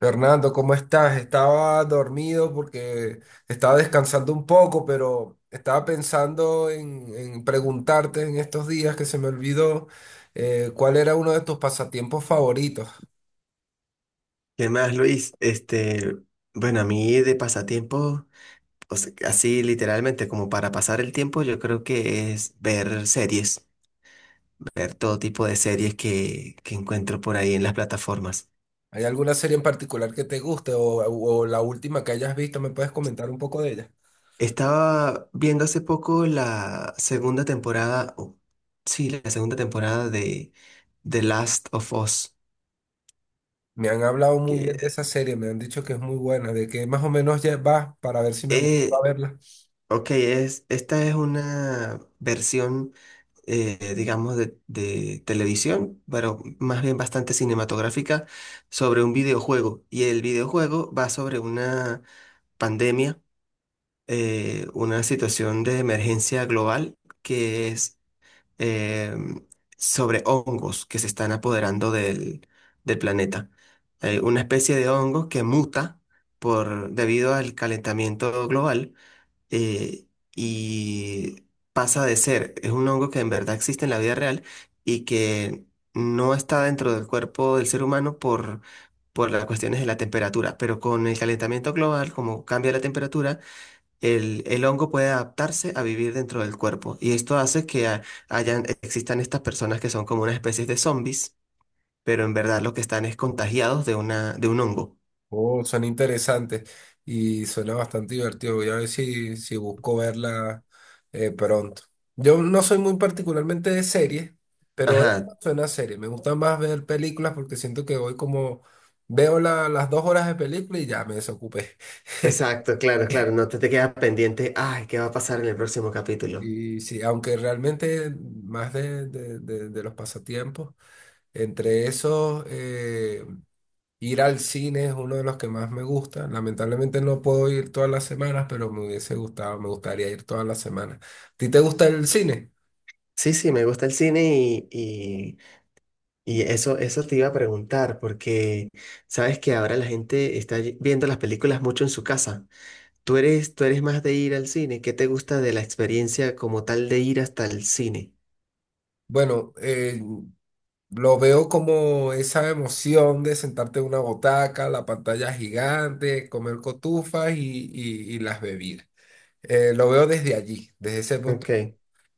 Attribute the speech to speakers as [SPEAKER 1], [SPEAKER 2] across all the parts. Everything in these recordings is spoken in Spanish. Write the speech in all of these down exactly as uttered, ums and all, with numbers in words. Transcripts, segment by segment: [SPEAKER 1] Fernando, ¿cómo estás? Estaba dormido porque estaba descansando un poco, pero estaba pensando en, en preguntarte en estos días que se me olvidó eh, cuál era uno de tus pasatiempos favoritos.
[SPEAKER 2] ¿Qué más, Luis? Este, bueno, a mí de pasatiempo, o sea, así literalmente como para pasar el tiempo, yo creo que es ver series, ver todo tipo de series que, que encuentro por ahí en las plataformas.
[SPEAKER 1] ¿Hay alguna serie en particular que te guste o, o la última que hayas visto? ¿Me puedes comentar un poco de ella?
[SPEAKER 2] Estaba viendo hace poco la segunda temporada, o sí, la segunda temporada de The Last of Us,
[SPEAKER 1] Me han hablado muy
[SPEAKER 2] que
[SPEAKER 1] bien de esa serie, me han dicho que es muy buena, de que más o menos ya vas para ver si me motivo
[SPEAKER 2] eh,
[SPEAKER 1] a verla.
[SPEAKER 2] Ok, es, esta es una versión, eh, digamos, de, de televisión, pero más bien bastante cinematográfica, sobre un videojuego. Y el videojuego va sobre una pandemia, eh, una situación de emergencia global que es eh, sobre hongos que se están apoderando del, del planeta. Hay una especie de hongo que muta por, debido al calentamiento global eh, y pasa de ser, es un hongo que en verdad existe en la vida real y que no está dentro del cuerpo del ser humano por, por las cuestiones de la temperatura, pero con el calentamiento global, como cambia la temperatura, el, el hongo puede adaptarse a vivir dentro del cuerpo y esto hace que ha- hayan, existan estas personas que son como una especie de zombies, pero en verdad lo que están es contagiados de una, de un hongo.
[SPEAKER 1] Oh, suena interesante y suena bastante divertido. Voy a ver si, si busco verla eh, pronto. Yo no soy muy particularmente de series, pero esta
[SPEAKER 2] Ajá,
[SPEAKER 1] suena a serie. Me gusta más ver películas porque siento que voy como veo la- las dos horas de película y ya me desocupé.
[SPEAKER 2] exacto, claro, claro, no te, te quedas pendiente, ay, ¿qué va a pasar en el próximo capítulo?
[SPEAKER 1] Y sí, aunque realmente más de, de- de- de los pasatiempos, entre esos eh, ir al cine es uno de los que más me gusta. Lamentablemente no puedo ir todas las semanas, pero me hubiese gustado, me gustaría ir todas las semanas. ¿A ti te gusta el cine?
[SPEAKER 2] Sí, sí, me gusta el cine y, y- y eso, eso te iba a preguntar, porque sabes que ahora la gente está ye- viendo las películas mucho en su casa. ¿Tú eres, tú eres más de ir al cine? ¿Qué te gusta de la experiencia como tal de ir hasta el cine?
[SPEAKER 1] Bueno, eh, lo veo como esa emoción de sentarte en una botaca, la pantalla gigante, comer cotufas y, y- y las bebidas. Eh, lo veo desde allí, desde ese punto.
[SPEAKER 2] Ok,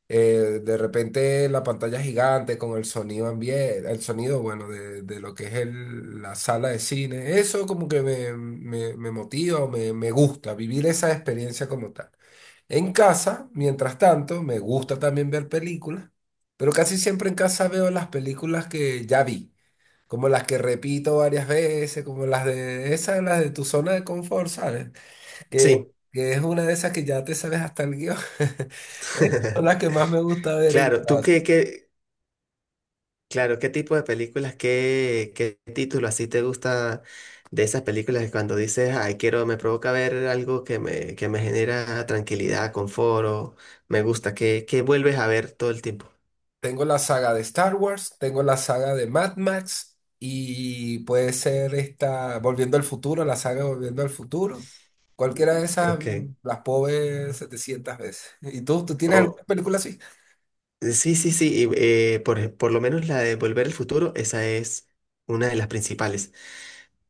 [SPEAKER 1] Eh, de repente la pantalla gigante con el sonido ambiente, el sonido, bueno, de, de lo que es el- la sala de cine, eso como que me, me, me motiva o me, me gusta vivir esa experiencia como tal. En casa, mientras tanto, me gusta también ver películas, pero casi siempre en casa veo las películas que ya vi, como las que repito varias veces, como las de esas, las de tu zona de confort, ¿sabes? que,
[SPEAKER 2] sí.
[SPEAKER 1] que es una de esas que ya te sabes hasta el guión. Estas son las que más me gusta ver en
[SPEAKER 2] Claro, ¿tú
[SPEAKER 1] casa.
[SPEAKER 2] qué, qué, Claro, ¿qué tipo de películas, qué, qué título así te gusta de esas películas que cuando dices, ay, quiero, me provoca ver algo que me, que me genera tranquilidad, confort, o me gusta, que, que vuelves a ver todo el tiempo?
[SPEAKER 1] Tengo la saga de Star Wars, tengo la saga de Mad Max y puede ser esta Volviendo al Futuro, la saga Volviendo al Futuro. Cualquiera de esas
[SPEAKER 2] Ok.
[SPEAKER 1] mm, las puedo ver setecientas veces. ¿Y tú, tú tienes
[SPEAKER 2] o
[SPEAKER 1] alguna película así?
[SPEAKER 2] Sí, sí, sí. Y, eh, por, por lo menos la de Volver al Futuro, esa es una de las principales.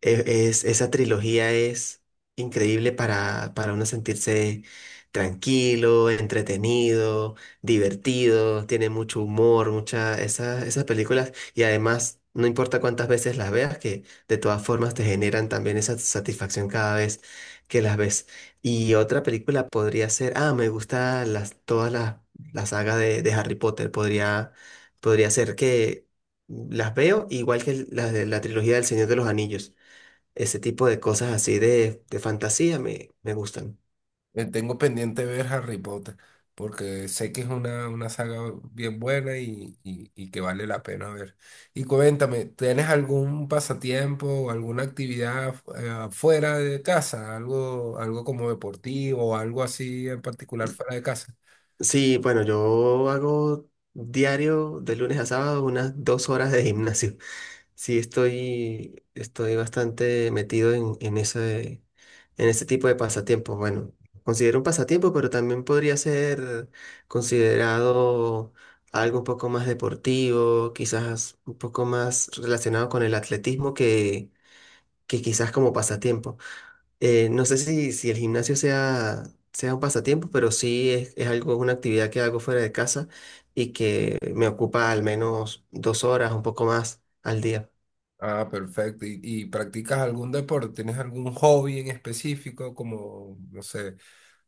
[SPEAKER 2] e- es- Esa trilogía es increíble para, para uno sentirse tranquilo, entretenido, divertido, tiene mucho humor, mucha, esas esas películas y además no importa cuántas veces las veas, que de todas formas te generan también esa satisfacción cada vez que las ves. Y otra película podría ser, ah, me gusta las, todas las, la saga de, de Harry Potter, podría, podría ser que... Las veo igual que las de la trilogía del Señor de los Anillos. Ese tipo de cosas así de, de fantasía me, me gustan.
[SPEAKER 1] Eh, Tengo pendiente ver Harry Potter, porque sé que es una, una saga bien buena y, y- y que vale la pena ver. Y cuéntame, ¿tienes algún pasatiempo o alguna actividad eh, fuera de casa? ¿Algo, ¿algo como deportivo o algo así en particular fuera de casa?
[SPEAKER 2] Sí, bueno, yo hago diario de lunes a sábado unas dos horas de gimnasio. Sí, estoy, estoy bastante metido en, en ese, en ese tipo de pasatiempos. Bueno, considero un pasatiempo, pero también podría ser considerado algo un poco más deportivo, quizás un poco más relacionado con el atletismo que, que quizás como pasatiempo. Eh, no sé si, si el gimnasio sea, sea un pasatiempo, pero sí es, es algo, una actividad que hago fuera de casa y que me ocupa al menos dos horas, un poco más al día.
[SPEAKER 1] Ah, perfecto. ¿Y, y practicas algún deporte? ¿Tienes algún hobby en específico como, no sé,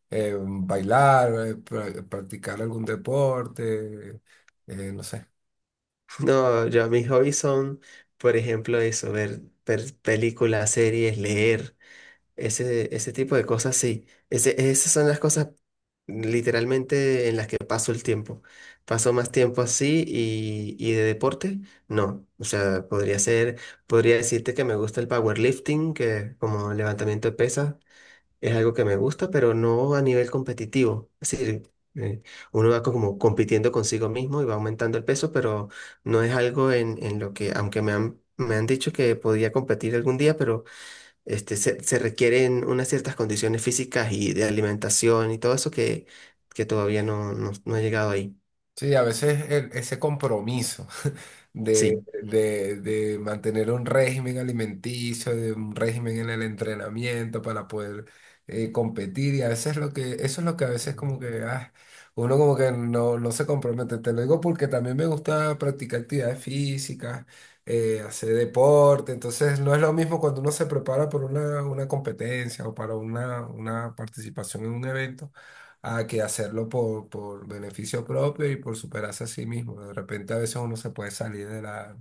[SPEAKER 1] eh, bailar, eh, pra- practicar algún deporte? Eh, no sé.
[SPEAKER 2] No, yo mis hobbies son, por ejemplo, eso, ver, ver películas, series, leer. Ese, ese tipo de cosas, sí. Ese, esas son las cosas literalmente en las que paso el tiempo. Paso más tiempo así y, y de deporte, no. O sea, podría ser, podría decirte que me gusta el powerlifting, que como levantamiento de pesas es algo que me gusta, pero no a nivel competitivo. Es decir, eh, uno va como compitiendo consigo mismo y va aumentando el peso, pero no es algo en, en lo que, aunque me han, me han dicho que podía competir algún día, pero... Este, se, se requieren unas ciertas condiciones físicas y de alimentación y todo eso que, que todavía no, no, no he llegado ahí.
[SPEAKER 1] Sí, a veces el- ese compromiso de,
[SPEAKER 2] Sí.
[SPEAKER 1] de- de mantener un régimen alimenticio, de un régimen en el entrenamiento para poder eh, competir, y a veces lo que, eso es lo que a veces como
[SPEAKER 2] Mm.
[SPEAKER 1] que ah, uno como que no, no se compromete. Te lo digo porque también me gusta practicar actividades físicas, eh, hacer deporte, entonces no es lo mismo cuando uno se prepara por una, una competencia o para una, una participación en un evento a que hacerlo por, por beneficio propio y por superarse a sí mismo. De repente a veces uno se puede salir de la,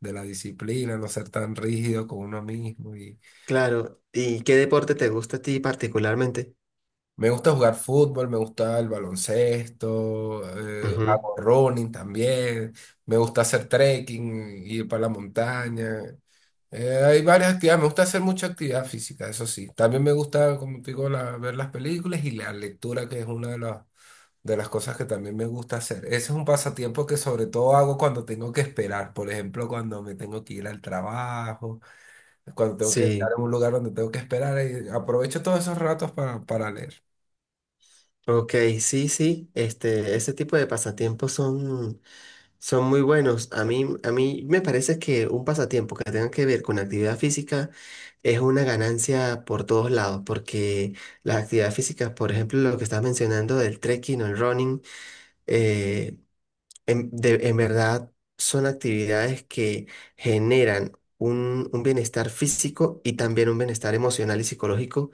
[SPEAKER 1] de la disciplina, no ser tan rígido con uno mismo. Y
[SPEAKER 2] Claro. ¿Y qué deporte te gusta a ti particularmente?
[SPEAKER 1] me gusta jugar fútbol, me gusta el baloncesto, eh,
[SPEAKER 2] Ujú.
[SPEAKER 1] hago running también, me gusta hacer trekking, ir para la montaña. Eh, hay varias actividades, me gusta hacer mucha actividad física, eso sí. También me gusta, como te digo, la- ver las películas y la lectura, que es una de las, de las cosas que también me gusta hacer. Ese es un pasatiempo que sobre todo hago cuando tengo que esperar, por ejemplo, cuando me tengo que ir al trabajo, cuando tengo que estar
[SPEAKER 2] Sí,
[SPEAKER 1] en un lugar donde tengo que esperar, y aprovecho todos esos ratos para, para leer.
[SPEAKER 2] ok, sí, sí. Este, ese tipo de pasatiempos son, son muy buenos. A mí, a mí me parece que un pasatiempo que tenga que ver con actividad física es una ganancia por todos lados, porque las actividades físicas, por ejemplo, lo que estás mencionando del trekking o el running, eh, en, de- en verdad son actividades que generan un, un bienestar físico y también un bienestar emocional y psicológico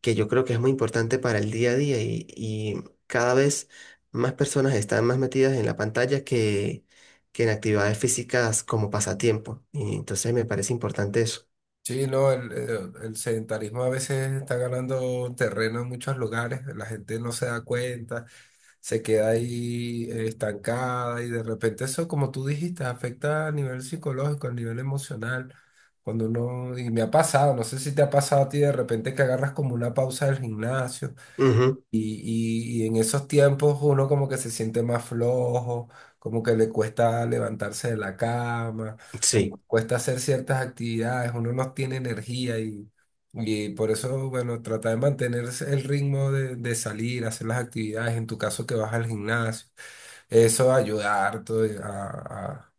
[SPEAKER 2] que yo creo que es muy importante para el día a día y, y cada vez más personas están más metidas en la pantalla que, que en actividades físicas como pasatiempo. Y entonces me parece importante eso.
[SPEAKER 1] Sí, no, el, el- el sedentarismo a veces está ganando terreno en muchos lugares, la gente no se da cuenta, se queda ahí eh, estancada y de repente eso, como tú dijiste, afecta a nivel psicológico, a nivel emocional, cuando uno, y me ha pasado, no sé si te ha pasado a ti de repente que agarras como una pausa del gimnasio
[SPEAKER 2] Ujú,
[SPEAKER 1] y, y- y en esos tiempos uno como que se siente más flojo, como que le cuesta levantarse de la cama, como
[SPEAKER 2] sí.
[SPEAKER 1] que cuesta hacer ciertas actividades, uno no tiene energía y, y por eso, bueno, trata de mantener el ritmo de, de salir, hacer las actividades, en tu caso que vas al gimnasio, eso va a ayudar harto de- a, a,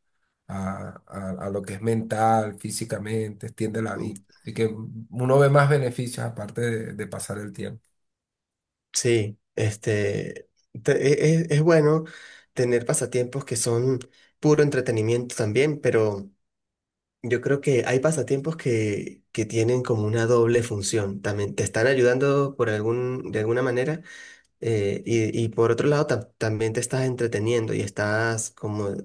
[SPEAKER 1] a, a- a lo que es mental, físicamente, extiende la vida. Así que uno ve más beneficios aparte de de pasar el tiempo.
[SPEAKER 2] Sí, este, te- e- e- es, bueno, tener pasatiempos que son puro entretenimiento también, pero yo creo que hay pasatiempos que, que tienen como una doble función. También te están ayudando por algún, de alguna manera, eh, y, y por otro lado, tam- también te estás entreteniendo y estás como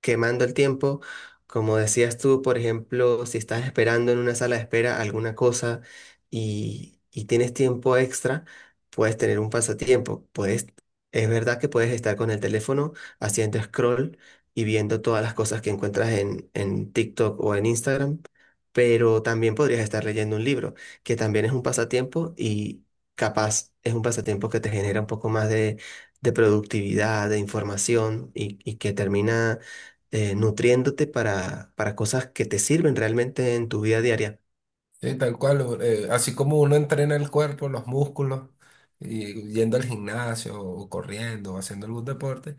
[SPEAKER 2] quemando el tiempo. Como decías tú, por ejemplo, si estás esperando en una sala de espera alguna cosa y, y tienes tiempo extra, puedes tener un pasatiempo. Puedes, es verdad que puedes estar con el teléfono haciendo scroll y viendo todas las cosas que encuentras en, en TikTok o en Instagram, pero también podrías estar leyendo un libro, que también es un pasatiempo, capaz es un pasatiempo que te genera un poco más de, de productividad, de información y, y que termina eh, nutriéndote para, para cosas que te sirven realmente en tu vida diaria.
[SPEAKER 1] Sí, tal cual, u- eh, así como uno entrena el cuerpo, los músculos, y yendo al gimnasio o corriendo o haciendo algún deporte,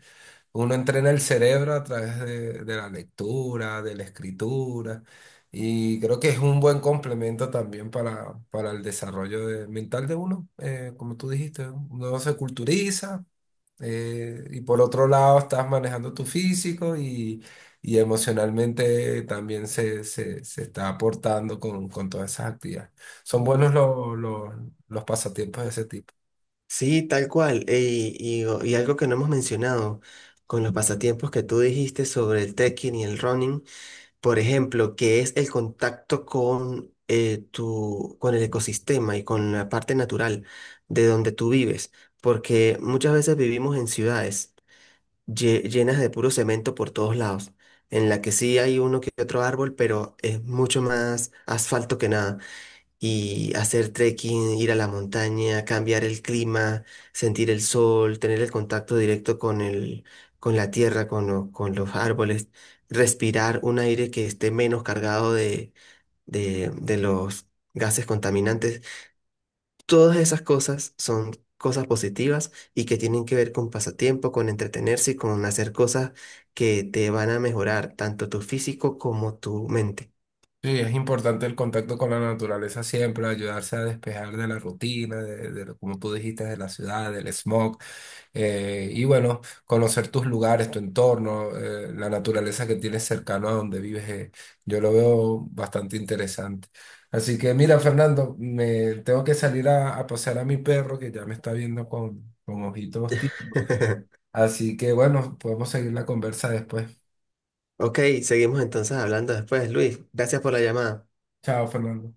[SPEAKER 1] uno entrena el cerebro a través de, de la lectura, de la escritura, y creo que es un buen complemento también para, para el desarrollo de- mental de uno. eh, como tú dijiste, uno se culturiza, eh, y por otro lado, estás manejando tu físico y, y emocionalmente también se, se, se está aportando con, con todas esas actividades. Son buenos los los- los pasatiempos de ese tipo.
[SPEAKER 2] Sí, tal cual. Y, y, o- y algo que no hemos mencionado con los pasatiempos que tú dijiste sobre el trekking y el running, por ejemplo, que es el contacto con, eh, tu, con el ecosistema y con la parte natural de donde tú vives, porque muchas veces vivimos en ciudades, lle- llenas de puro cemento por todos lados, en la que sí hay uno que otro árbol, pero es mucho más asfalto que nada. Y hacer trekking, ir a la montaña, cambiar el clima, sentir el sol, tener el contacto directo con el, con la tierra, con, lo- con los árboles, respirar un aire que esté menos cargado de, de, de los gases contaminantes. Todas esas cosas son cosas positivas y que tienen que ver con pasatiempo, con entretenerse y con hacer cosas que te van a mejorar tanto tu físico como tu mente.
[SPEAKER 1] Sí, es importante el contacto con la naturaleza siempre, ayudarse a despejar de la rutina, de, de lo- como tú dijiste, de la ciudad, del smog, eh, y bueno, conocer tus lugares, tu entorno, eh, la naturaleza que tienes cercano a donde vives, eh, yo lo veo bastante interesante. Así que mira, Fernando, me tengo que salir a, a pasear a mi perro que ya me está viendo con, con ojitos tímidos. Así que bueno, podemos seguir la conversa después.
[SPEAKER 2] Ok, seguimos entonces hablando después, Luis. Gracias por la llamada.
[SPEAKER 1] Chao, Fernando.